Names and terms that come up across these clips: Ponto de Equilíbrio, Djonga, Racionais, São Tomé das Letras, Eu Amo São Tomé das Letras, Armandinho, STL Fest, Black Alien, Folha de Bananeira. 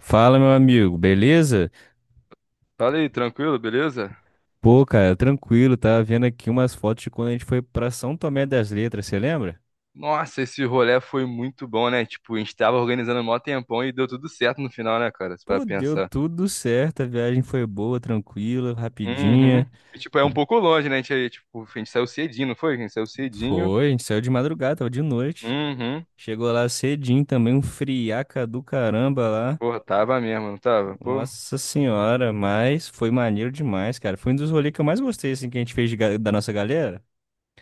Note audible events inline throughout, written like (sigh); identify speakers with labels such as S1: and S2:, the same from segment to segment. S1: Fala, meu amigo, beleza?
S2: Fala aí, tranquilo, beleza?
S1: Pô, cara, tranquilo, tava vendo aqui umas fotos de quando a gente foi pra São Tomé das Letras, você lembra?
S2: Nossa, esse rolê foi muito bom, né? Tipo, a gente tava organizando um maior tempão e deu tudo certo no final, né, cara? Você vai
S1: Pô, deu
S2: pensar.
S1: tudo certo, a viagem foi boa, tranquila, rapidinha.
S2: Uhum. E, tipo, é um pouco longe, né? A gente saiu cedinho, não foi? A gente saiu cedinho.
S1: Foi, a gente saiu de madrugada, tava de noite.
S2: Uhum.
S1: Chegou lá cedinho também, um friaca do caramba lá.
S2: Porra, tava mesmo, não tava? Pô.
S1: Nossa senhora, mas foi maneiro demais, cara. Foi um dos rolês que eu mais gostei, assim, que a gente fez da nossa galera.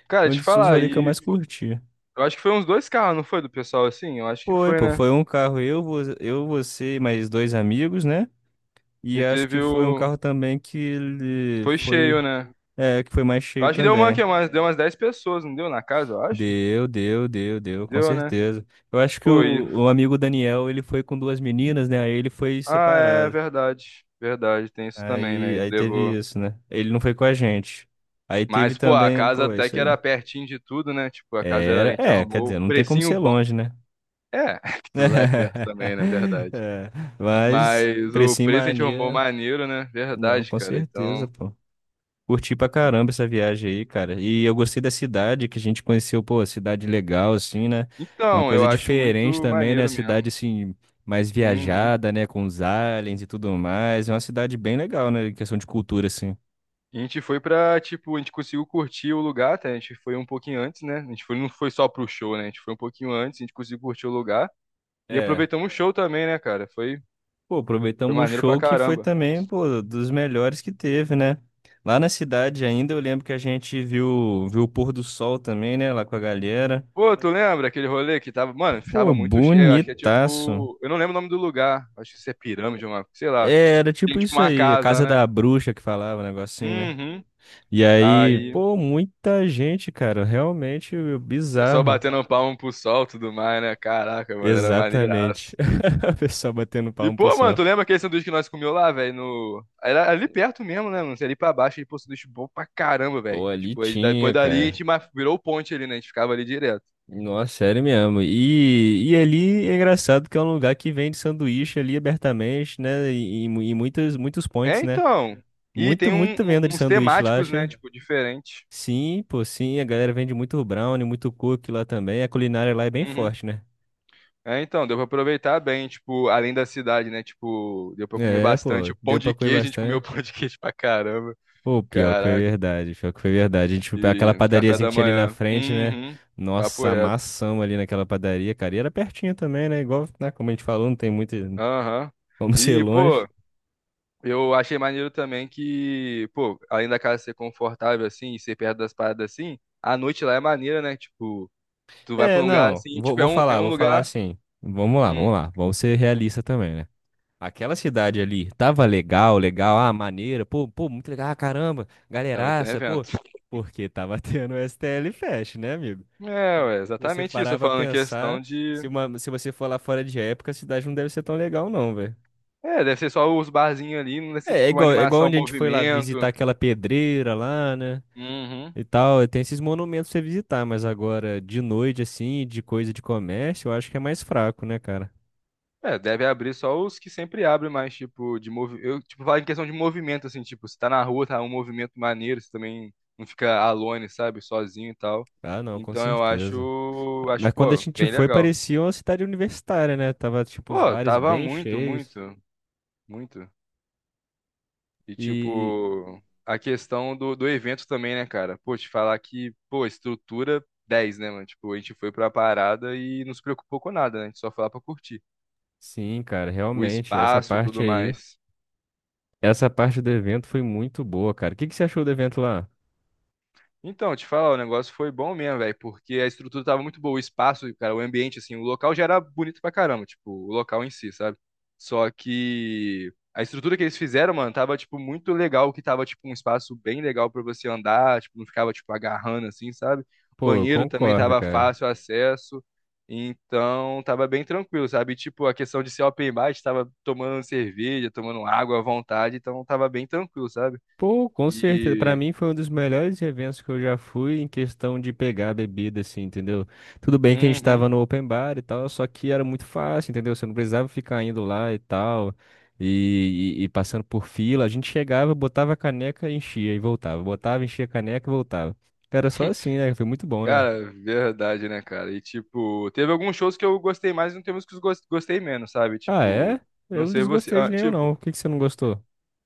S2: Cara,
S1: Foi um
S2: te
S1: dos
S2: falar,
S1: rolês que eu
S2: e
S1: mais curti.
S2: eu acho que foi uns dois carros, não foi? Do pessoal assim? Eu acho que
S1: Foi,
S2: foi,
S1: pô,
S2: né?
S1: foi um carro eu, eu, você e mais dois amigos, né? E
S2: E
S1: acho
S2: teve
S1: que foi um
S2: o.
S1: carro também que ele
S2: Foi
S1: foi,
S2: cheio, né?
S1: é, que foi mais
S2: Eu
S1: cheio
S2: acho que deu uma,
S1: também.
S2: que, umas, deu umas 10 pessoas, não deu na casa, eu acho?
S1: Deu, deu, deu, deu, com
S2: Deu, né?
S1: certeza. Eu acho que
S2: Pô, e
S1: o amigo Daniel, ele foi com duas meninas, né? Aí ele foi
S2: Ah, é
S1: separado.
S2: verdade. Verdade, tem isso também,
S1: Aí,
S2: né? Ele
S1: aí teve
S2: levou.
S1: isso, né? Ele não foi com a gente. Aí teve
S2: Mas, pô, a
S1: também,
S2: casa
S1: pô, é
S2: até
S1: isso
S2: que
S1: aí.
S2: era pertinho de tudo, né? Tipo, a
S1: Era,
S2: gente
S1: é, quer dizer,
S2: arrumou um
S1: não tem como
S2: precinho
S1: ser
S2: bom.
S1: longe, né?
S2: É, (laughs) que tudo lá é perto
S1: (laughs)
S2: também, né? Verdade.
S1: É, mas
S2: Mas o
S1: precinho
S2: preço a gente arrumou
S1: mania.
S2: maneiro, né?
S1: Não,
S2: Verdade,
S1: com
S2: cara.
S1: certeza,
S2: Então,
S1: pô. Curti pra caramba essa viagem aí, cara. E eu gostei da cidade que a gente conheceu, pô, cidade legal, assim, né? Uma
S2: então, eu
S1: coisa
S2: acho
S1: diferente
S2: muito
S1: também, né?
S2: maneiro
S1: Cidade,
S2: mesmo.
S1: assim, mais
S2: Uhum.
S1: viajada, né? Com os aliens e tudo mais. É uma cidade bem legal, né? Em questão de cultura, assim.
S2: A gente foi pra, tipo, a gente conseguiu curtir o lugar, até. A gente foi um pouquinho antes, né? A gente foi, não foi só pro show, né? A gente foi um pouquinho antes, a gente conseguiu curtir o lugar. E
S1: É.
S2: aproveitamos o show também, né, cara? Foi,
S1: Pô,
S2: foi
S1: aproveitamos o
S2: maneiro pra
S1: show que foi
S2: caramba.
S1: também, pô, dos melhores que teve, né? Lá na cidade ainda, eu lembro que a gente viu o pôr do sol também, né? Lá com a galera.
S2: Pô, tu lembra aquele rolê que tava, mano, tava
S1: Pô,
S2: muito cheio, acho que é
S1: bonitaço.
S2: tipo, eu não lembro o nome do lugar, acho que isso é pirâmide, uma, sei lá,
S1: É, era
S2: tem
S1: tipo
S2: tipo
S1: isso
S2: uma
S1: aí, a
S2: casa,
S1: casa
S2: né?
S1: da bruxa que falava, um negocinho, né?
S2: Uhum.
S1: E aí,
S2: Aí, o
S1: pô, muita gente, cara, realmente
S2: pessoal
S1: bizarro.
S2: batendo palmo pro sol e tudo mais, né? Caraca, mano, era
S1: Exatamente.
S2: maneiraço.
S1: (laughs) A pessoa batendo
S2: E,
S1: palmo pro
S2: pô, mano,
S1: sol.
S2: tu lembra aquele sanduíche que nós comeu lá, velho, no... era ali perto mesmo, né, mano, você ali pra baixo, aí, pô, sanduíche bom pra caramba,
S1: Pô,
S2: velho.
S1: ali
S2: Tipo, aí, depois
S1: tinha,
S2: dali a
S1: cara.
S2: gente virou ponte ali, né, a gente ficava ali direto.
S1: Nossa, sério mesmo. E ali é engraçado que é um lugar que vende sanduíche ali abertamente, né? E muitos, muitos
S2: É,
S1: points, né?
S2: então, e
S1: Muito,
S2: tem um-
S1: muita
S2: um-
S1: venda de
S2: uns
S1: sanduíche lá,
S2: temáticos, né,
S1: acha?
S2: tipo, diferente.
S1: Sim, pô, sim. A galera vende muito brownie, muito cookie lá também. A culinária lá é bem
S2: Uhum.
S1: forte, né?
S2: É, então, deu pra aproveitar bem, tipo, além da cidade, né? Tipo, deu pra comer
S1: É, pô,
S2: bastante. O pão
S1: deu
S2: de
S1: pra comer
S2: queijo, a gente comeu (laughs)
S1: bastante.
S2: pão de queijo pra caramba.
S1: Pô, pior que foi
S2: Caraca.
S1: verdade, pior que foi verdade. A gente foi pra aquela
S2: E café
S1: padariazinha
S2: da
S1: que tinha ali na
S2: manhã.
S1: frente, né?
S2: Uhum. Papo
S1: Nossa,
S2: reto.
S1: amassamos ali naquela padaria, cara. E era pertinho também, né? Igual, né, como a gente falou, não tem muito
S2: Aham.
S1: (laughs) como ser
S2: E,
S1: longe.
S2: pô, eu achei maneiro também que, pô, além da casa ser confortável, assim, e ser perto das paradas assim, a noite lá é maneira, né? Tipo, tu vai pra
S1: É,
S2: um lugar
S1: não,
S2: assim, tipo, é um, é um
S1: vou falar
S2: lugar.
S1: assim. Vamos lá,
S2: Hum,
S1: vamos lá, vamos ser realista também, né? Aquela cidade ali tava legal, legal, ah, maneira, pô, pô, muito legal, ah, caramba,
S2: que tava tendo
S1: galeraça, pô.
S2: evento.
S1: Porque tava (laughs) tendo o STL Fest, né, amigo?
S2: É,
S1: Pô,
S2: ué,
S1: se você
S2: exatamente isso.
S1: parar
S2: Eu
S1: pra
S2: falando em questão
S1: pensar,
S2: de.
S1: se, uma, se você for lá fora de época, a cidade não deve ser tão legal, não, velho.
S2: É, deve ser só os barzinhos ali, não deve ser
S1: É,
S2: tipo uma
S1: é igual
S2: animação, um
S1: onde a gente foi lá
S2: movimento.
S1: visitar aquela pedreira lá, né?
S2: Uhum.
S1: E tal, tem esses monumentos pra você visitar, mas agora, de noite, assim, de coisa de comércio, eu acho que é mais fraco, né, cara?
S2: É, deve abrir só os que sempre abrem mais, tipo, eu, tipo, falo em questão de movimento, assim, tipo, se tá na rua, tá um movimento maneiro, você também não fica alone, sabe, sozinho e tal.
S1: Ah, não, com
S2: Então eu
S1: certeza.
S2: acho,
S1: Mas quando a
S2: pô,
S1: gente
S2: bem
S1: foi,
S2: legal.
S1: parecia uma cidade universitária, né? Tava, tipo, os
S2: Pô,
S1: bares
S2: tava
S1: bem
S2: muito,
S1: cheios.
S2: muito, muito. E,
S1: E,
S2: tipo, a questão do evento também, né, cara? Pô, te falar que, pô, estrutura dez, né, mano? Tipo, a gente foi pra parada e não se preocupou com nada, né? A gente só foi lá pra curtir.
S1: sim, cara,
S2: O
S1: realmente, essa
S2: espaço,
S1: parte
S2: tudo
S1: aí,
S2: mais.
S1: essa parte do evento foi muito boa, cara. O que que você achou do evento lá?
S2: Então, te falar, o negócio foi bom mesmo, velho, porque a estrutura tava muito boa, o espaço, cara, o ambiente, assim, o local já era bonito pra caramba, tipo, o local em si, sabe? Só que a estrutura que eles fizeram, mano, tava, tipo, muito legal, que tava, tipo, um espaço bem legal pra você andar, tipo, não ficava, tipo, agarrando, assim, sabe?
S1: Pô, eu
S2: Banheiro também
S1: concordo,
S2: tava
S1: cara.
S2: fácil acesso, então tava bem tranquilo, sabe? E, tipo, a questão de ser open bar, a gente tava tomando cerveja, tomando água à vontade, então tava bem tranquilo, sabe?
S1: Pô, com certeza. Pra
S2: E...
S1: mim foi um dos melhores eventos que eu já fui em questão de pegar a bebida, assim, entendeu? Tudo bem que a gente tava
S2: Uhum.
S1: no open bar e tal, só que era muito fácil, entendeu? Você não precisava ficar indo lá e tal, e passando por fila. A gente chegava, botava a caneca, enchia e voltava. Botava, enchia a caneca e voltava. Era só assim, né? Foi muito bom, né?
S2: Cara, verdade, né, cara? E, tipo, teve alguns shows que eu gostei mais e não teve uns que eu gostei menos, sabe?
S1: Ah,
S2: Tipo,
S1: é?
S2: não
S1: Eu não
S2: sei você.
S1: desgostei de
S2: Ah,
S1: nenhum,
S2: tipo,
S1: não. Por que que você não gostou?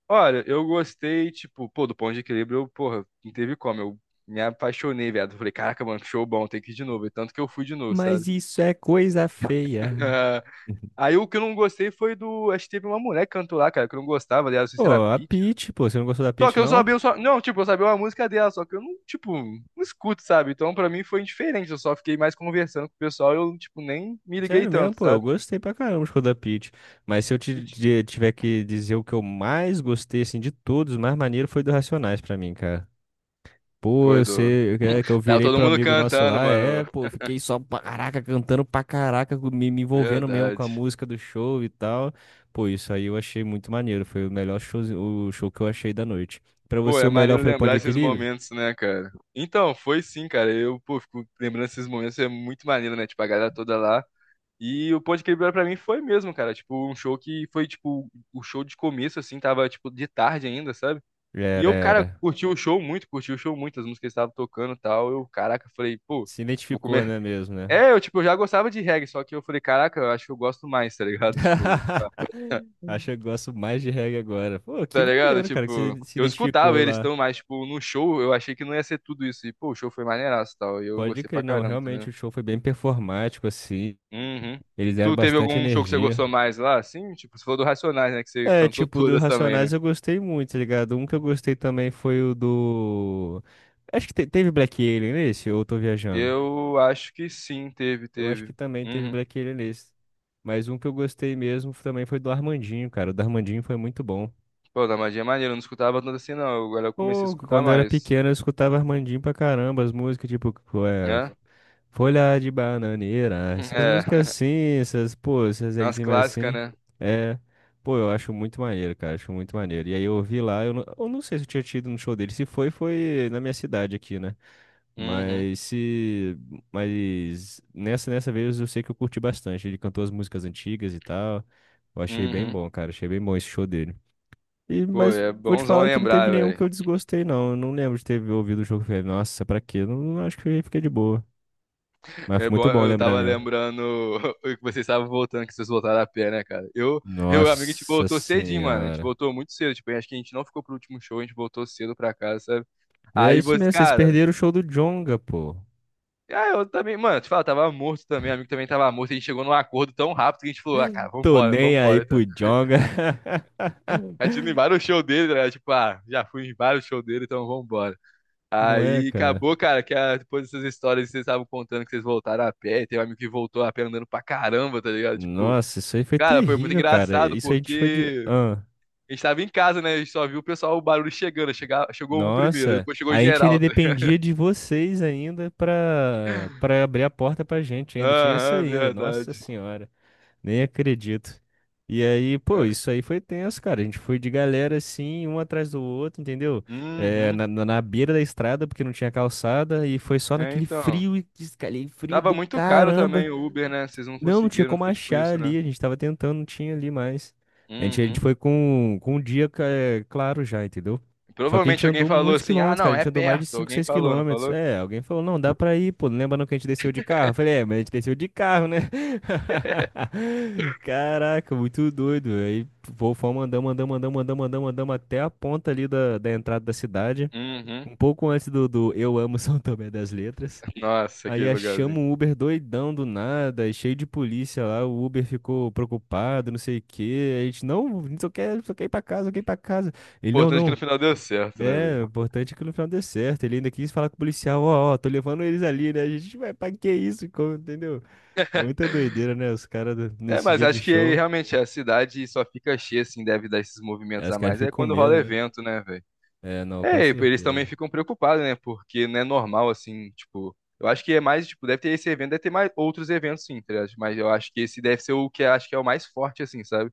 S2: olha, eu gostei, tipo, pô, do Ponto de Equilíbrio, eu, porra, não teve como. Eu me apaixonei, viado. Falei, caraca, mano, que show bom, tem que ir de novo. E tanto que eu fui de novo, sabe?
S1: Mas
S2: (laughs)
S1: isso é coisa feia.
S2: Ah,
S1: (laughs)
S2: aí o que eu não gostei foi do. Acho que teve uma mulher que cantou lá, cara, que eu não gostava, aliás, não sei se era
S1: Pô, a
S2: Pitty.
S1: Peach, pô, você não gostou da
S2: Só
S1: Peach,
S2: que eu
S1: não?
S2: sabia, eu só... não, tipo, eu sabia uma música dela, só que eu não, tipo, não escuto, sabe? Então, pra mim foi indiferente, eu só fiquei mais conversando com o pessoal, eu, tipo, nem me liguei
S1: Sério mesmo,
S2: tanto,
S1: pô, eu
S2: sabe?
S1: gostei pra caramba de Roda Pit. Mas se eu
S2: E, tipo,
S1: tiver que dizer o que eu mais gostei, assim, de todos, o mais maneiro foi do Racionais pra mim, cara. Pô,
S2: foi
S1: eu
S2: do.
S1: sei é, que eu
S2: Tava
S1: virei
S2: todo
S1: pro
S2: mundo
S1: amigo nosso
S2: cantando,
S1: lá,
S2: mano.
S1: é, pô, fiquei só pra caraca, cantando pra caraca, me envolvendo mesmo com a
S2: Verdade.
S1: música do show e tal. Pô, isso aí eu achei muito maneiro, foi o melhor show, o show que eu achei da noite. Pra
S2: Pô,
S1: você,
S2: é
S1: o melhor
S2: maneiro
S1: foi o Ponto
S2: lembrar
S1: de
S2: esses
S1: Equilíbrio?
S2: momentos, né, cara? Então, foi sim, cara. Eu, pô, fico lembrando esses momentos, é muito maneiro, né? Tipo, a galera toda lá. E o Ponte Quebrada pra mim foi mesmo, cara. Tipo, um show que foi, tipo, o show de começo, assim, tava, tipo, de tarde ainda, sabe? E
S1: Era,
S2: eu, cara,
S1: era.
S2: curti o show muito, curti o show muito, as músicas que eles estavam tocando e tal. Eu, caraca, falei, pô,
S1: Se
S2: vou
S1: identificou,
S2: comer.
S1: né, mesmo, né?
S2: É, eu, tipo, eu já gostava de reggae, só que eu falei, caraca, eu acho que eu gosto mais, tá ligado? (laughs) Tipo,
S1: (laughs) Acho que eu gosto mais de reggae agora. Pô, que
S2: tá ligado?
S1: maneiro, cara, que
S2: Tipo,
S1: você se
S2: eu escutava
S1: identificou
S2: eles
S1: lá.
S2: tão, mas, tipo, no show eu achei que não ia ser tudo isso. E, pô, o show foi maneiraço e tal. E eu
S1: Pode
S2: gostei
S1: crer,
S2: pra
S1: não,
S2: caramba, tá
S1: realmente
S2: ligado?
S1: o show foi bem performático, assim.
S2: Uhum.
S1: Eles deram
S2: Tu teve
S1: bastante
S2: algum show que você
S1: energia.
S2: gostou mais lá? Sim, tipo, você falou do Racionais, né? Que você
S1: É,
S2: cantou
S1: tipo, do
S2: todas também,
S1: Racionais
S2: né?
S1: eu gostei muito, tá ligado? Um que eu gostei também foi o do. Acho que teve Black Alien nesse, ou eu tô viajando?
S2: Eu acho que sim, teve,
S1: Eu acho que
S2: teve.
S1: também teve
S2: Uhum.
S1: Black Alien nesse. Mas um que eu gostei mesmo também foi do Armandinho, cara. O do Armandinho foi muito bom.
S2: Pô, da magia é maneiro, eu não escutava tanto assim, não. Agora eu comecei a
S1: Pô,
S2: escutar
S1: quando eu era
S2: mais,
S1: pequeno eu escutava Armandinho pra caramba, as músicas, tipo, é,
S2: né?
S1: Folha de Bananeira.
S2: (laughs)
S1: Essas
S2: É,
S1: músicas assim, essas, pô, essas
S2: as
S1: rimas
S2: clássicas,
S1: assim.
S2: né?
S1: É. Pô, eu acho muito maneiro, cara. Acho muito maneiro. E aí eu ouvi lá, eu não sei se eu tinha tido no show dele. Se foi, foi na minha cidade aqui, né?
S2: Uhum,
S1: Mas se. Mas nessa vez eu sei que eu curti bastante. Ele cantou as músicas antigas e tal. Eu achei bem
S2: uhum.
S1: bom, cara. Achei bem bom esse show dele. E,
S2: Pô,
S1: mas
S2: é
S1: vou te
S2: bonzão
S1: falar que não teve
S2: lembrar,
S1: nenhum
S2: velho.
S1: que eu desgostei, não. Eu não lembro de ter ouvido o jogo. E falei, nossa, pra quê? Não acho que eu fiquei de boa. Mas foi
S2: É bom,
S1: muito bom
S2: eu
S1: lembrar
S2: tava
S1: mesmo.
S2: lembrando (laughs) que vocês estavam voltando, que vocês voltaram a pé, né, cara? Eu, e o amigo, a gente
S1: Nossa
S2: voltou cedinho, mano. A gente
S1: senhora.
S2: voltou muito cedo, tipo, acho que a gente não ficou pro último show, a gente voltou cedo pra casa, sabe?
S1: E é
S2: Aí
S1: isso
S2: você,
S1: mesmo, vocês
S2: cara,
S1: perderam o show do Djonga, pô.
S2: ah, eu também, mano, te falo, tava morto também, o amigo também tava morto, a gente chegou num acordo tão rápido que a gente falou, ah, cara,
S1: Tô
S2: vambora,
S1: nem aí
S2: vambora, então.
S1: pro Djonga. (laughs)
S2: A gente indo em vários shows dele, né? Tipo, ah, já fui em vários shows dele, então vambora.
S1: Não é,
S2: Aí
S1: cara?
S2: acabou, cara, que ah, depois dessas histórias que vocês estavam contando que vocês voltaram a pé, tem um amigo que voltou a pé andando pra caramba, tá ligado? Tipo,
S1: Nossa, isso aí foi
S2: cara, foi muito
S1: terrível, cara.
S2: engraçado,
S1: Isso a gente foi de.
S2: porque
S1: Ah,
S2: a gente tava em casa, né? A gente só viu o pessoal, o barulho chegando. Chegou um primeiro,
S1: nossa,
S2: depois chegou
S1: a gente ainda
S2: geral, tá ligado?
S1: dependia de vocês ainda pra abrir a porta pra gente. Ainda tinha isso
S2: Aham,
S1: ainda. Nossa
S2: verdade.
S1: senhora. Nem acredito. E aí, pô,
S2: É.
S1: isso aí foi tenso, cara. A gente foi de galera assim, um atrás do outro, entendeu? É,
S2: Uhum.
S1: na beira da estrada, porque não tinha calçada, e foi só
S2: É,
S1: naquele
S2: então.
S1: frio, e aquele frio
S2: Tava
S1: do
S2: muito caro
S1: caramba,
S2: também o Uber, né? Vocês não
S1: não, não tinha
S2: conseguiram,
S1: como
S2: foi tipo
S1: achar
S2: isso, né?
S1: ali, a gente tava tentando, não tinha ali mais. A gente
S2: Uhum.
S1: foi com um dia é, claro já, entendeu? Só que a
S2: Provavelmente
S1: gente
S2: alguém
S1: andou
S2: falou
S1: muitos
S2: assim, ah,
S1: quilômetros, cara,
S2: não,
S1: a
S2: é
S1: gente andou mais de
S2: perto.
S1: 5
S2: Alguém
S1: 6
S2: falou, não
S1: quilômetros.
S2: falou?
S1: É, alguém falou, não, dá pra ir, pô, lembra não que a gente desceu de carro? Eu falei, é, mas a gente desceu de carro, né? (laughs) Caraca, muito doido. Aí pô, fomos andando, andando, andando, andando, andando, andando até a ponta ali da entrada da cidade.
S2: Uhum.
S1: Um pouco antes do Eu Amo São Tomé das Letras.
S2: Nossa,
S1: Aí
S2: aquele
S1: chama
S2: lugarzinho.
S1: um Uber doidão do nada, e cheio de polícia lá, o Uber ficou preocupado, não sei o quê. A gente, não, a gente só quer ir pra casa, só quer ir pra casa. Ele, não,
S2: Importante que no
S1: não.
S2: final deu certo, né,
S1: É,
S2: velho?
S1: o importante é que no final dê certo. Ele ainda quis falar com o policial, ó, ó, tô levando eles ali, né? A gente vai, pra que isso? Entendeu? É muita doideira,
S2: (laughs)
S1: né? Os caras
S2: É,
S1: nesse
S2: mas
S1: dia de
S2: acho que
S1: show,
S2: realmente a cidade só fica cheia, assim, deve dar esses
S1: é,
S2: movimentos
S1: os
S2: a
S1: caras
S2: mais. É
S1: ficam com
S2: quando rola
S1: medo, né?
S2: evento, né, velho?
S1: É, não, com
S2: É, e eles
S1: certeza.
S2: também ficam preocupados, né? Porque não é normal, assim, tipo. Eu acho que é mais, tipo, deve ter esse evento, deve ter mais outros eventos, sim, tá ligado? Mas eu acho que esse deve ser o que eu acho que é o mais forte, assim, sabe?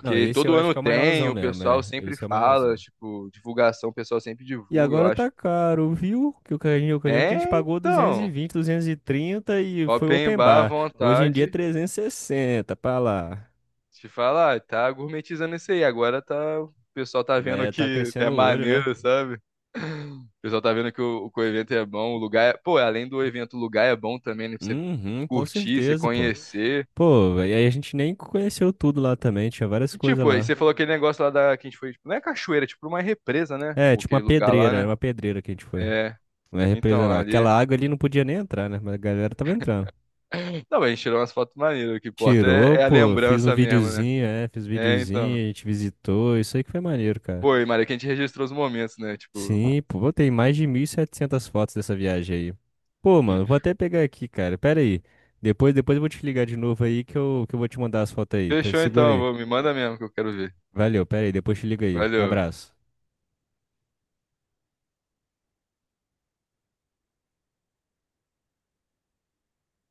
S1: Não, esse eu
S2: todo
S1: acho
S2: ano
S1: que é o
S2: tem,
S1: maiorzão
S2: o
S1: mesmo,
S2: pessoal
S1: é.
S2: sempre
S1: Esse é o
S2: fala,
S1: maiorzão.
S2: tipo, divulgação, o pessoal sempre
S1: E
S2: divulga, eu
S1: agora
S2: acho.
S1: tá caro, viu? Que o carrinho, eu lembro que a gente
S2: É,
S1: pagou
S2: então,
S1: 220, 230 e trinta e foi
S2: open
S1: open
S2: bar à
S1: bar. Hoje em dia é
S2: vontade,
S1: 360, pra lá.
S2: te falar, tá gourmetizando isso aí, agora tá, o pessoal tá
S1: A
S2: vendo
S1: galera tá
S2: que
S1: crescendo
S2: é
S1: o olho, né?
S2: maneiro, sabe? O pessoal tá vendo que o evento é bom, o lugar é, pô, além do evento, o lugar é bom também, né, pra você
S1: Uhum, com
S2: curtir, você
S1: certeza, pô.
S2: conhecer.
S1: Pô, e aí a gente nem conheceu tudo lá também, tinha várias
S2: E
S1: coisas
S2: tipo, aí
S1: lá.
S2: você falou aquele negócio lá da, que a gente foi, tipo, não é cachoeira, é tipo uma represa, né?
S1: É,
S2: Ou
S1: tipo uma
S2: aquele lugar lá,
S1: pedreira, era
S2: né?
S1: uma pedreira que a gente foi.
S2: É,
S1: Não é represa
S2: então,
S1: não.
S2: ali...
S1: Aquela água ali não podia nem entrar, né? Mas a galera tava entrando.
S2: Não, mas a gente tirou umas fotos maneiras, o que importa
S1: Tirou,
S2: é a
S1: pô, fiz um
S2: lembrança mesmo, né?
S1: videozinho, é, fiz um
S2: É, então.
S1: videozinho, a gente visitou, isso aí que foi maneiro, cara.
S2: Foi Maria, que a gente registrou os momentos, né? Tipo,
S1: Sim, pô, eu tenho mais de 1.700 fotos dessa viagem aí. Pô, mano, vou
S2: (laughs)
S1: até pegar aqui, cara. Pera aí. Depois eu vou te ligar de novo aí que eu vou te mandar as fotos aí.
S2: fechou
S1: Segura
S2: então,
S1: aí.
S2: vou, me manda mesmo que eu quero ver.
S1: Valeu, pera aí, depois te liga aí.
S2: Valeu.
S1: Abraço.